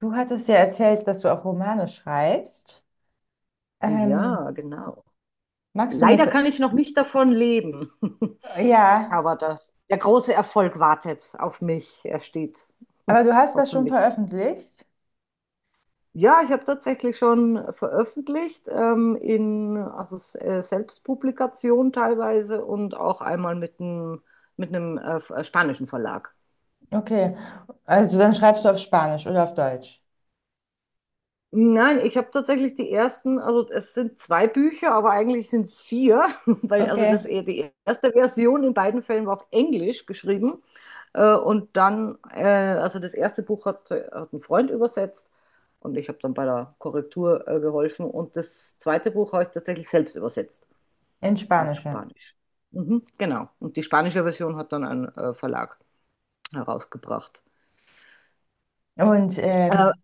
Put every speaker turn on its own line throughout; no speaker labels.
Du hattest ja erzählt, dass du auch Romane schreibst.
Ja,
Ähm,
genau.
Magst du ein
Leider kann
bisschen?
ich noch nicht davon leben,
Ja,
aber das, der große Erfolg wartet auf mich. Er steht,
aber du hast das schon
hoffentlich.
veröffentlicht?
Ja, ich habe tatsächlich schon veröffentlicht, in also Selbstpublikation teilweise und auch einmal mit einem mit einem spanischen Verlag.
Okay, also dann schreibst du auf Spanisch oder auf Deutsch.
Nein, ich habe tatsächlich die ersten, also es sind zwei Bücher, aber eigentlich sind es vier, weil also
Okay,
die erste Version in beiden Fällen war auf Englisch geschrieben und dann also das erste Buch hat ein Freund übersetzt und ich habe dann bei der Korrektur geholfen und das zweite Buch habe ich tatsächlich selbst übersetzt
in
auf
Spanisch. Ja.
Spanisch. Mhm, genau, und die spanische Version hat dann ein Verlag herausgebracht.
Und
Äh,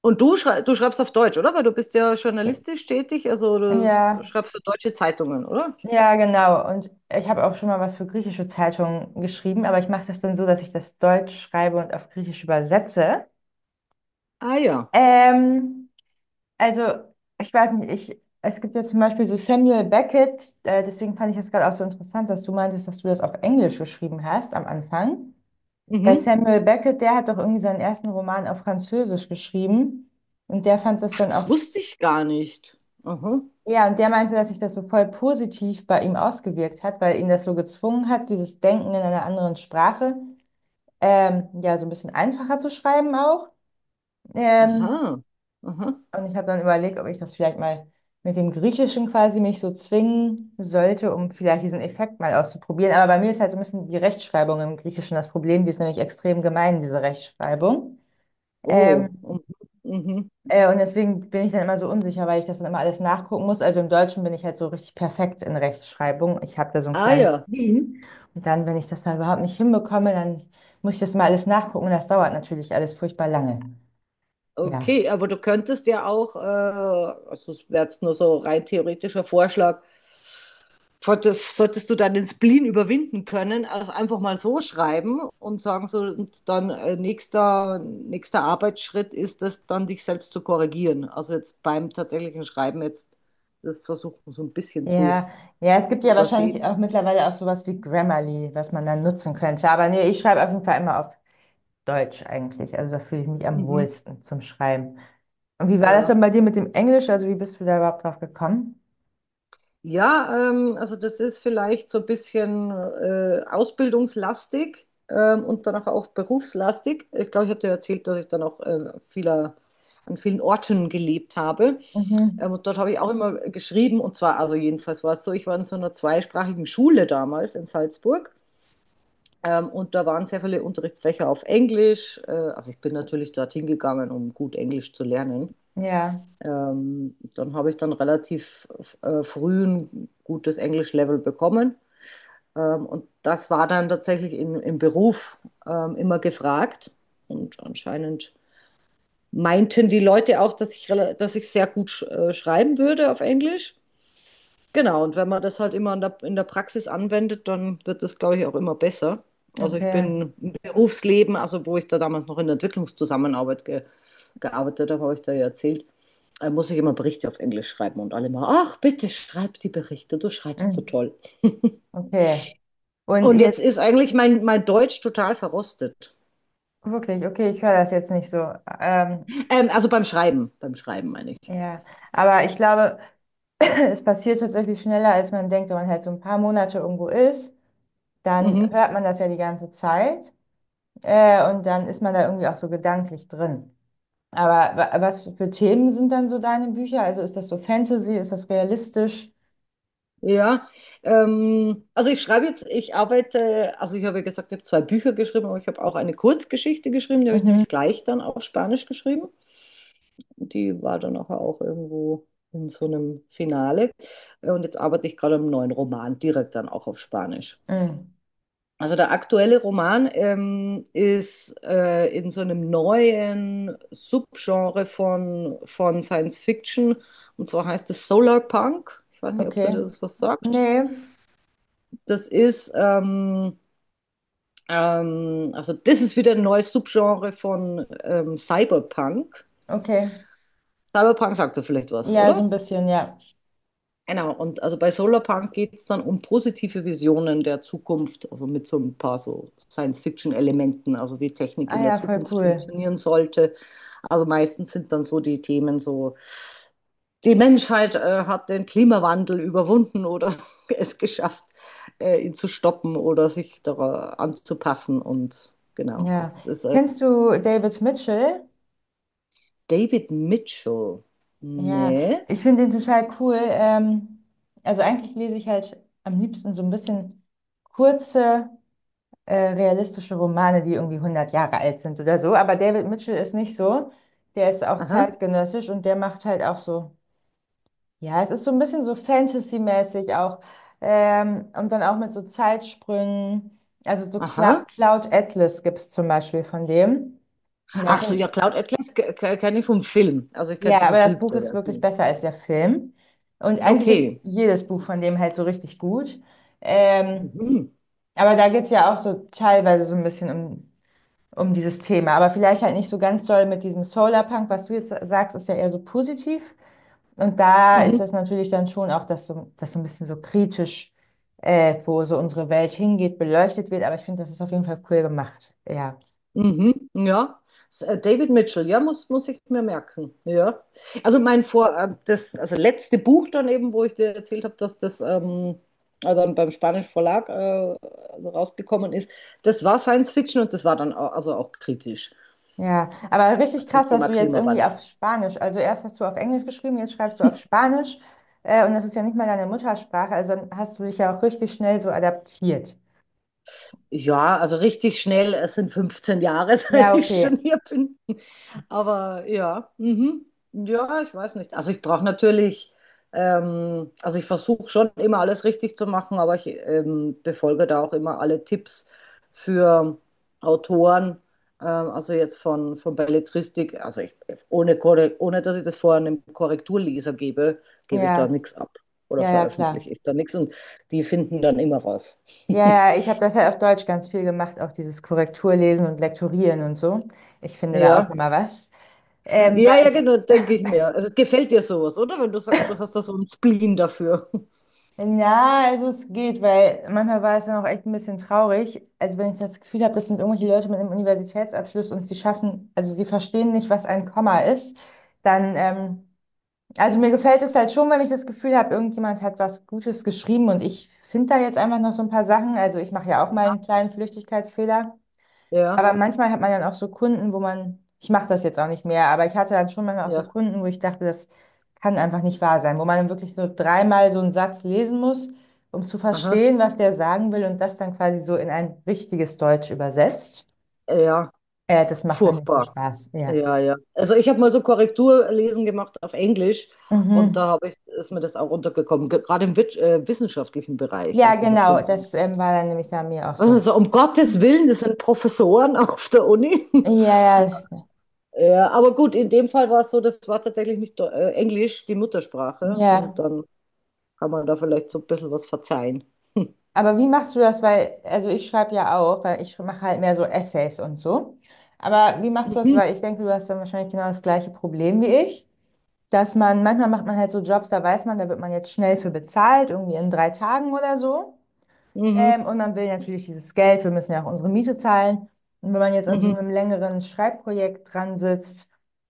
Und du schreibst auf Deutsch, oder? Weil du bist ja journalistisch tätig, also du
ja,
schreibst für deutsche Zeitungen, oder?
ja, genau. Und ich habe auch schon mal was für griechische Zeitungen geschrieben, aber ich mache das dann so, dass ich das Deutsch schreibe und auf Griechisch übersetze.
Ah ja.
Ähm, Also, ich weiß nicht, ich, es gibt ja zum Beispiel so Samuel Beckett, deswegen fand ich das gerade auch so interessant, dass du meintest, dass du das auf Englisch geschrieben hast am Anfang. Weil
Mhm.
Samuel Beckett, der hat doch irgendwie seinen ersten Roman auf Französisch geschrieben und der fand das
Ach,
dann
das
auch,
wusste ich gar nicht. Aha.
ja, und der meinte, dass sich das so voll positiv bei ihm ausgewirkt hat, weil ihn das so gezwungen hat, dieses Denken in einer anderen Sprache, ja, so ein bisschen einfacher zu schreiben auch. Ähm,
Aha. Aha.
Und ich habe dann überlegt, ob ich das vielleicht mal mit dem Griechischen quasi mich so zwingen sollte, um vielleicht diesen Effekt mal auszuprobieren. Aber bei mir ist halt so ein bisschen die Rechtschreibung im Griechischen das Problem. Die ist nämlich extrem gemein, diese Rechtschreibung.
Oh.
Ähm,
Mhm. Mhm.
und deswegen bin ich dann immer so unsicher, weil ich das dann immer alles nachgucken muss. Also im Deutschen bin ich halt so richtig perfekt in Rechtschreibung. Ich habe da so ein
Ah
kleines
ja.
Spleen. Und dann, wenn ich das dann überhaupt nicht hinbekomme, dann muss ich das mal alles nachgucken. Und das dauert natürlich alles furchtbar lange. Ja.
Okay, aber du könntest ja auch, also es wäre jetzt nur so rein theoretischer Vorschlag, solltest du dann den Spleen überwinden können, also einfach mal so schreiben und sagen so, und dann nächster Arbeitsschritt ist es dann, dich selbst zu korrigieren. Also jetzt beim tatsächlichen Schreiben jetzt das versuchen so ein bisschen zu
Ja, ja, es gibt ja wahrscheinlich
übersehen.
auch mittlerweile auch sowas wie Grammarly, was man dann nutzen könnte. Aber nee, ich schreibe auf jeden Fall immer auf Deutsch eigentlich. Also da fühle ich mich am
Mhm,
wohlsten zum Schreiben. Und wie war das
ja.
denn bei dir mit dem Englisch? Also wie bist du da überhaupt drauf gekommen?
Ja, also das ist vielleicht so ein bisschen ausbildungslastig und danach auch berufslastig. Ich glaube, ich habe dir erzählt, dass ich dann auch an vielen Orten gelebt habe.
Mhm.
Und dort habe ich auch immer geschrieben, und zwar, also jedenfalls war es so, ich war in so einer zweisprachigen Schule damals in Salzburg. Und da waren sehr viele Unterrichtsfächer auf Englisch. Also ich bin natürlich dorthin gegangen, um gut Englisch zu lernen.
Ja,
Dann habe ich dann relativ früh ein gutes Englisch-Level bekommen. Und das war dann tatsächlich im Beruf immer gefragt. Und anscheinend meinten die Leute auch, dass dass ich sehr gut schreiben würde auf Englisch. Genau, und wenn man das halt immer in in der Praxis anwendet, dann wird das, glaube ich, auch immer besser. Also ich
okay.
bin im Berufsleben, also wo ich da damals noch in der Entwicklungszusammenarbeit ge gearbeitet habe, habe ich da ja erzählt, muss ich immer Berichte auf Englisch schreiben und alle mal, ach, bitte schreib die Berichte, du schreibst so
Mhm.
toll.
Okay. Und
Und jetzt
jetzt
ist eigentlich mein Deutsch total verrostet.
wirklich, okay, ich höre das jetzt nicht so. Ähm,
Also beim Schreiben meine ich.
ja, aber ich glaube, es passiert tatsächlich schneller, als man denkt, wenn man halt so ein paar Monate irgendwo ist, dann
Mhm.
hört man das ja die ganze Zeit. Und dann ist man da irgendwie auch so gedanklich drin. Aber was für Themen sind dann so deine Bücher? Also ist das so Fantasy? Ist das realistisch?
Ja, also ich schreibe jetzt, ich arbeite, also ich habe ja gesagt, ich habe zwei Bücher geschrieben, aber ich habe auch eine Kurzgeschichte geschrieben, die habe ich
Mhm.
nämlich gleich dann auf Spanisch geschrieben. Die war dann nachher auch irgendwo in so einem Finale. Und jetzt arbeite ich gerade am neuen Roman, direkt dann auch auf Spanisch.
Mhm.
Also der aktuelle Roman ist in so einem neuen Subgenre von Science Fiction, und zwar heißt es Solarpunk. Ich weiß nicht, ob dir
Okay.
das was sagt.
Nee.
Das ist, also das ist wieder ein neues Subgenre von Cyberpunk.
Okay.
Cyberpunk sagt ja vielleicht was,
Ja, so
oder?
ein bisschen, ja.
Genau, und also bei Solarpunk geht es dann um positive Visionen der Zukunft, also mit so ein paar so Science-Fiction-Elementen, also wie Technik
Ah
in der
ja, voll
Zukunft
cool.
funktionieren sollte. Also meistens sind dann so die Themen so die Menschheit hat den Klimawandel überwunden oder es geschafft, ihn zu stoppen oder sich daran anzupassen. Und genau, also
Ja.
es ist
Kennst du David Mitchell?
David Mitchell.
Ja,
Nee.
ich finde den total cool. Also eigentlich lese ich halt am liebsten so ein bisschen kurze. Realistische Romane, die irgendwie 100 Jahre alt sind oder so. Aber David Mitchell ist nicht so. Der ist auch
Aha.
zeitgenössisch und der macht halt auch so, ja, es ist so ein bisschen so Fantasy-mäßig auch. Und dann auch mit so Zeitsprüngen. Also so Cla
Aha.
Cloud Atlas gibt es zum Beispiel von dem. Und
Ach so, ja, Cloud Atlas kenne ich vom Film. Also ich kenne
ja,
die
aber das Buch
verfilmte
ist wirklich
Version.
besser als der Film. Und eigentlich ist
Okay.
jedes Buch von dem halt so richtig gut. Ähm,
Mhm.
aber da geht es ja auch so teilweise so ein bisschen um dieses Thema. Aber vielleicht halt nicht so ganz doll mit diesem Solarpunk, was du jetzt sagst, ist ja eher so positiv. Und da ist
Mhm.
das natürlich dann schon auch, dass so ein bisschen so kritisch, wo so unsere Welt hingeht, beleuchtet wird. Aber ich finde, das ist auf jeden Fall cool gemacht. Ja.
Mhm, ja. David Mitchell, ja, muss ich mir merken. Ja. Also also letzte Buch dann eben, wo ich dir erzählt habe, dass das dann beim spanischen Verlag also rausgekommen ist, das war Science Fiction und das war dann also auch kritisch
Ja, aber richtig
zum
krass, dass
Thema
du jetzt irgendwie
Klimawandel.
auf Spanisch, also erst hast du auf Englisch geschrieben, jetzt schreibst du auf Spanisch, und das ist ja nicht mal deine Muttersprache, also dann hast du dich ja auch richtig schnell so adaptiert.
Ja, also richtig schnell, es sind 15 Jahre, seit
Ja,
ich schon
okay.
hier bin. Aber ja, mhm. Ja, ich weiß nicht. Also ich brauche natürlich, also ich versuche schon immer alles richtig zu machen, aber ich befolge da auch immer alle Tipps für Autoren, also jetzt von Belletristik, also ich, ohne, Korre- ohne dass ich das vorher einem Korrekturleser gebe, gebe ich da
Ja,
nichts ab oder
ja, ja, klar.
veröffentliche ich da nichts und die finden dann immer raus.
Ja, ja, ich habe das ja auf Deutsch ganz viel gemacht, auch dieses Korrekturlesen und Lektorieren und so. Ich finde da auch
Ja.
immer was. Ähm,
Ja, ja,
weil,
genau, denke ich mir. Also gefällt dir sowas, oder? Wenn du sagst, du hast da so einen Spleen dafür.
na, also es geht, weil manchmal war es dann auch echt ein bisschen traurig. Also wenn ich das Gefühl habe, das sind irgendwelche Leute mit einem Universitätsabschluss und sie schaffen, also sie verstehen nicht, was ein Komma ist, dann, ähm, also mir gefällt es halt schon, wenn ich das Gefühl habe, irgendjemand hat was Gutes geschrieben und ich finde da jetzt einfach noch so ein paar Sachen. Also ich mache ja auch mal einen kleinen Flüchtigkeitsfehler.
Ja,
Aber manchmal hat man dann auch so Kunden, wo man, ich mache das jetzt auch nicht mehr, aber ich hatte dann schon manchmal auch so
ja,
Kunden, wo ich dachte, das kann einfach nicht wahr sein, wo man dann wirklich so dreimal so einen Satz lesen muss, um zu
aha,
verstehen, was der sagen will und das dann quasi so in ein richtiges Deutsch übersetzt.
ja,
Das macht dann nicht so
furchtbar.
Spaß, ja.
Ja, ja. Also ich habe mal so Korrekturlesen gemacht auf Englisch und
Mhm.
da habe ist mir das auch runtergekommen, gerade im wissenschaftlichen Bereich.
Ja,
Also ich habe dann
genau,
so,
das war dann nämlich bei mir auch so.
also um Gottes Willen, das sind Professoren auf der Uni.
Ja, ja,
Ja, aber gut, in dem Fall war es so, das war tatsächlich nicht Englisch, die Muttersprache und
ja.
dann kann man da vielleicht so ein bisschen was verzeihen.
Aber wie machst du das? Weil, also ich schreibe ja auch, weil ich mache halt mehr so Essays und so. Aber wie machst du das?
Mhm,
Weil ich denke, du hast dann wahrscheinlich genau das gleiche Problem wie ich, dass man, manchmal macht man halt so Jobs, da weiß man, da wird man jetzt schnell für bezahlt, irgendwie in 3 Tagen oder so.
mhm,
Und man will natürlich dieses Geld, wir müssen ja auch unsere Miete zahlen. Und wenn man jetzt an so
mhm,
einem längeren Schreibprojekt dran sitzt,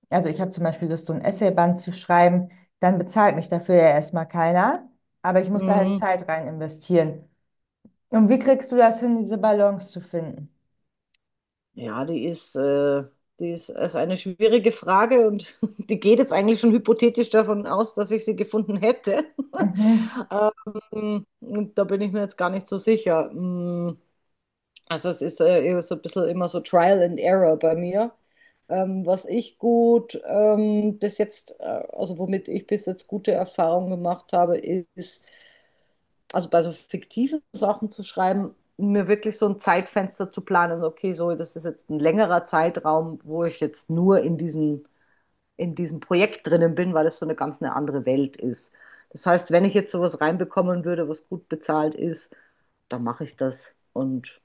also ich habe zum Beispiel Lust, so ein Essayband zu schreiben, dann bezahlt mich dafür ja erstmal keiner. Aber ich muss da halt
mhm.
Zeit rein investieren. Und wie kriegst du das hin, diese Balance zu finden?
Ja, die ist, ist eine schwierige Frage und die geht jetzt eigentlich schon hypothetisch davon aus, dass ich sie gefunden hätte.
Mhm.
Und da bin ich mir jetzt gar nicht so sicher. Mm, also es ist eher so ein bisschen immer so Trial and Error bei mir. Was ich gut bis jetzt, Also womit ich bis jetzt gute Erfahrungen gemacht habe, ist also bei so fiktiven Sachen zu schreiben, mir wirklich so ein Zeitfenster zu planen, okay, so, das ist jetzt ein längerer Zeitraum, wo ich jetzt nur in diesem Projekt drinnen bin, weil es so eine ganz eine andere Welt ist. Das heißt, wenn ich jetzt sowas reinbekommen würde, was gut bezahlt ist, dann mache ich das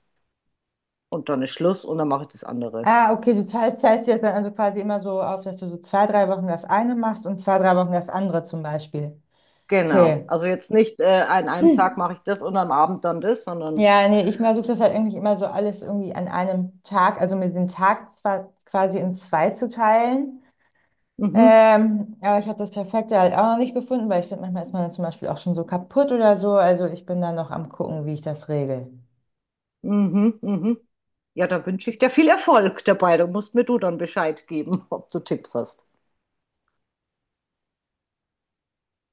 und dann ist Schluss und dann mache ich das andere.
Ah, okay, du teilst dir das dann also quasi immer so auf, dass du so zwei, drei Wochen das eine machst und zwei, drei Wochen das andere zum Beispiel.
Genau.
Okay.
Also jetzt nicht an einem Tag
Hm.
mache ich das und am Abend dann das, sondern
Ja, nee, ich versuche das halt irgendwie immer so alles irgendwie an einem Tag, also mir den Tag zwar quasi in zwei zu teilen,
mhm.
aber ich habe das Perfekte halt auch noch nicht gefunden, weil ich finde, manchmal ist man dann zum Beispiel auch schon so kaputt oder so. Also ich bin da noch am gucken, wie ich das regel.
Mhm, mhm. Ja, da wünsche ich dir viel Erfolg dabei. Da musst mir du dann Bescheid geben, ob du Tipps hast.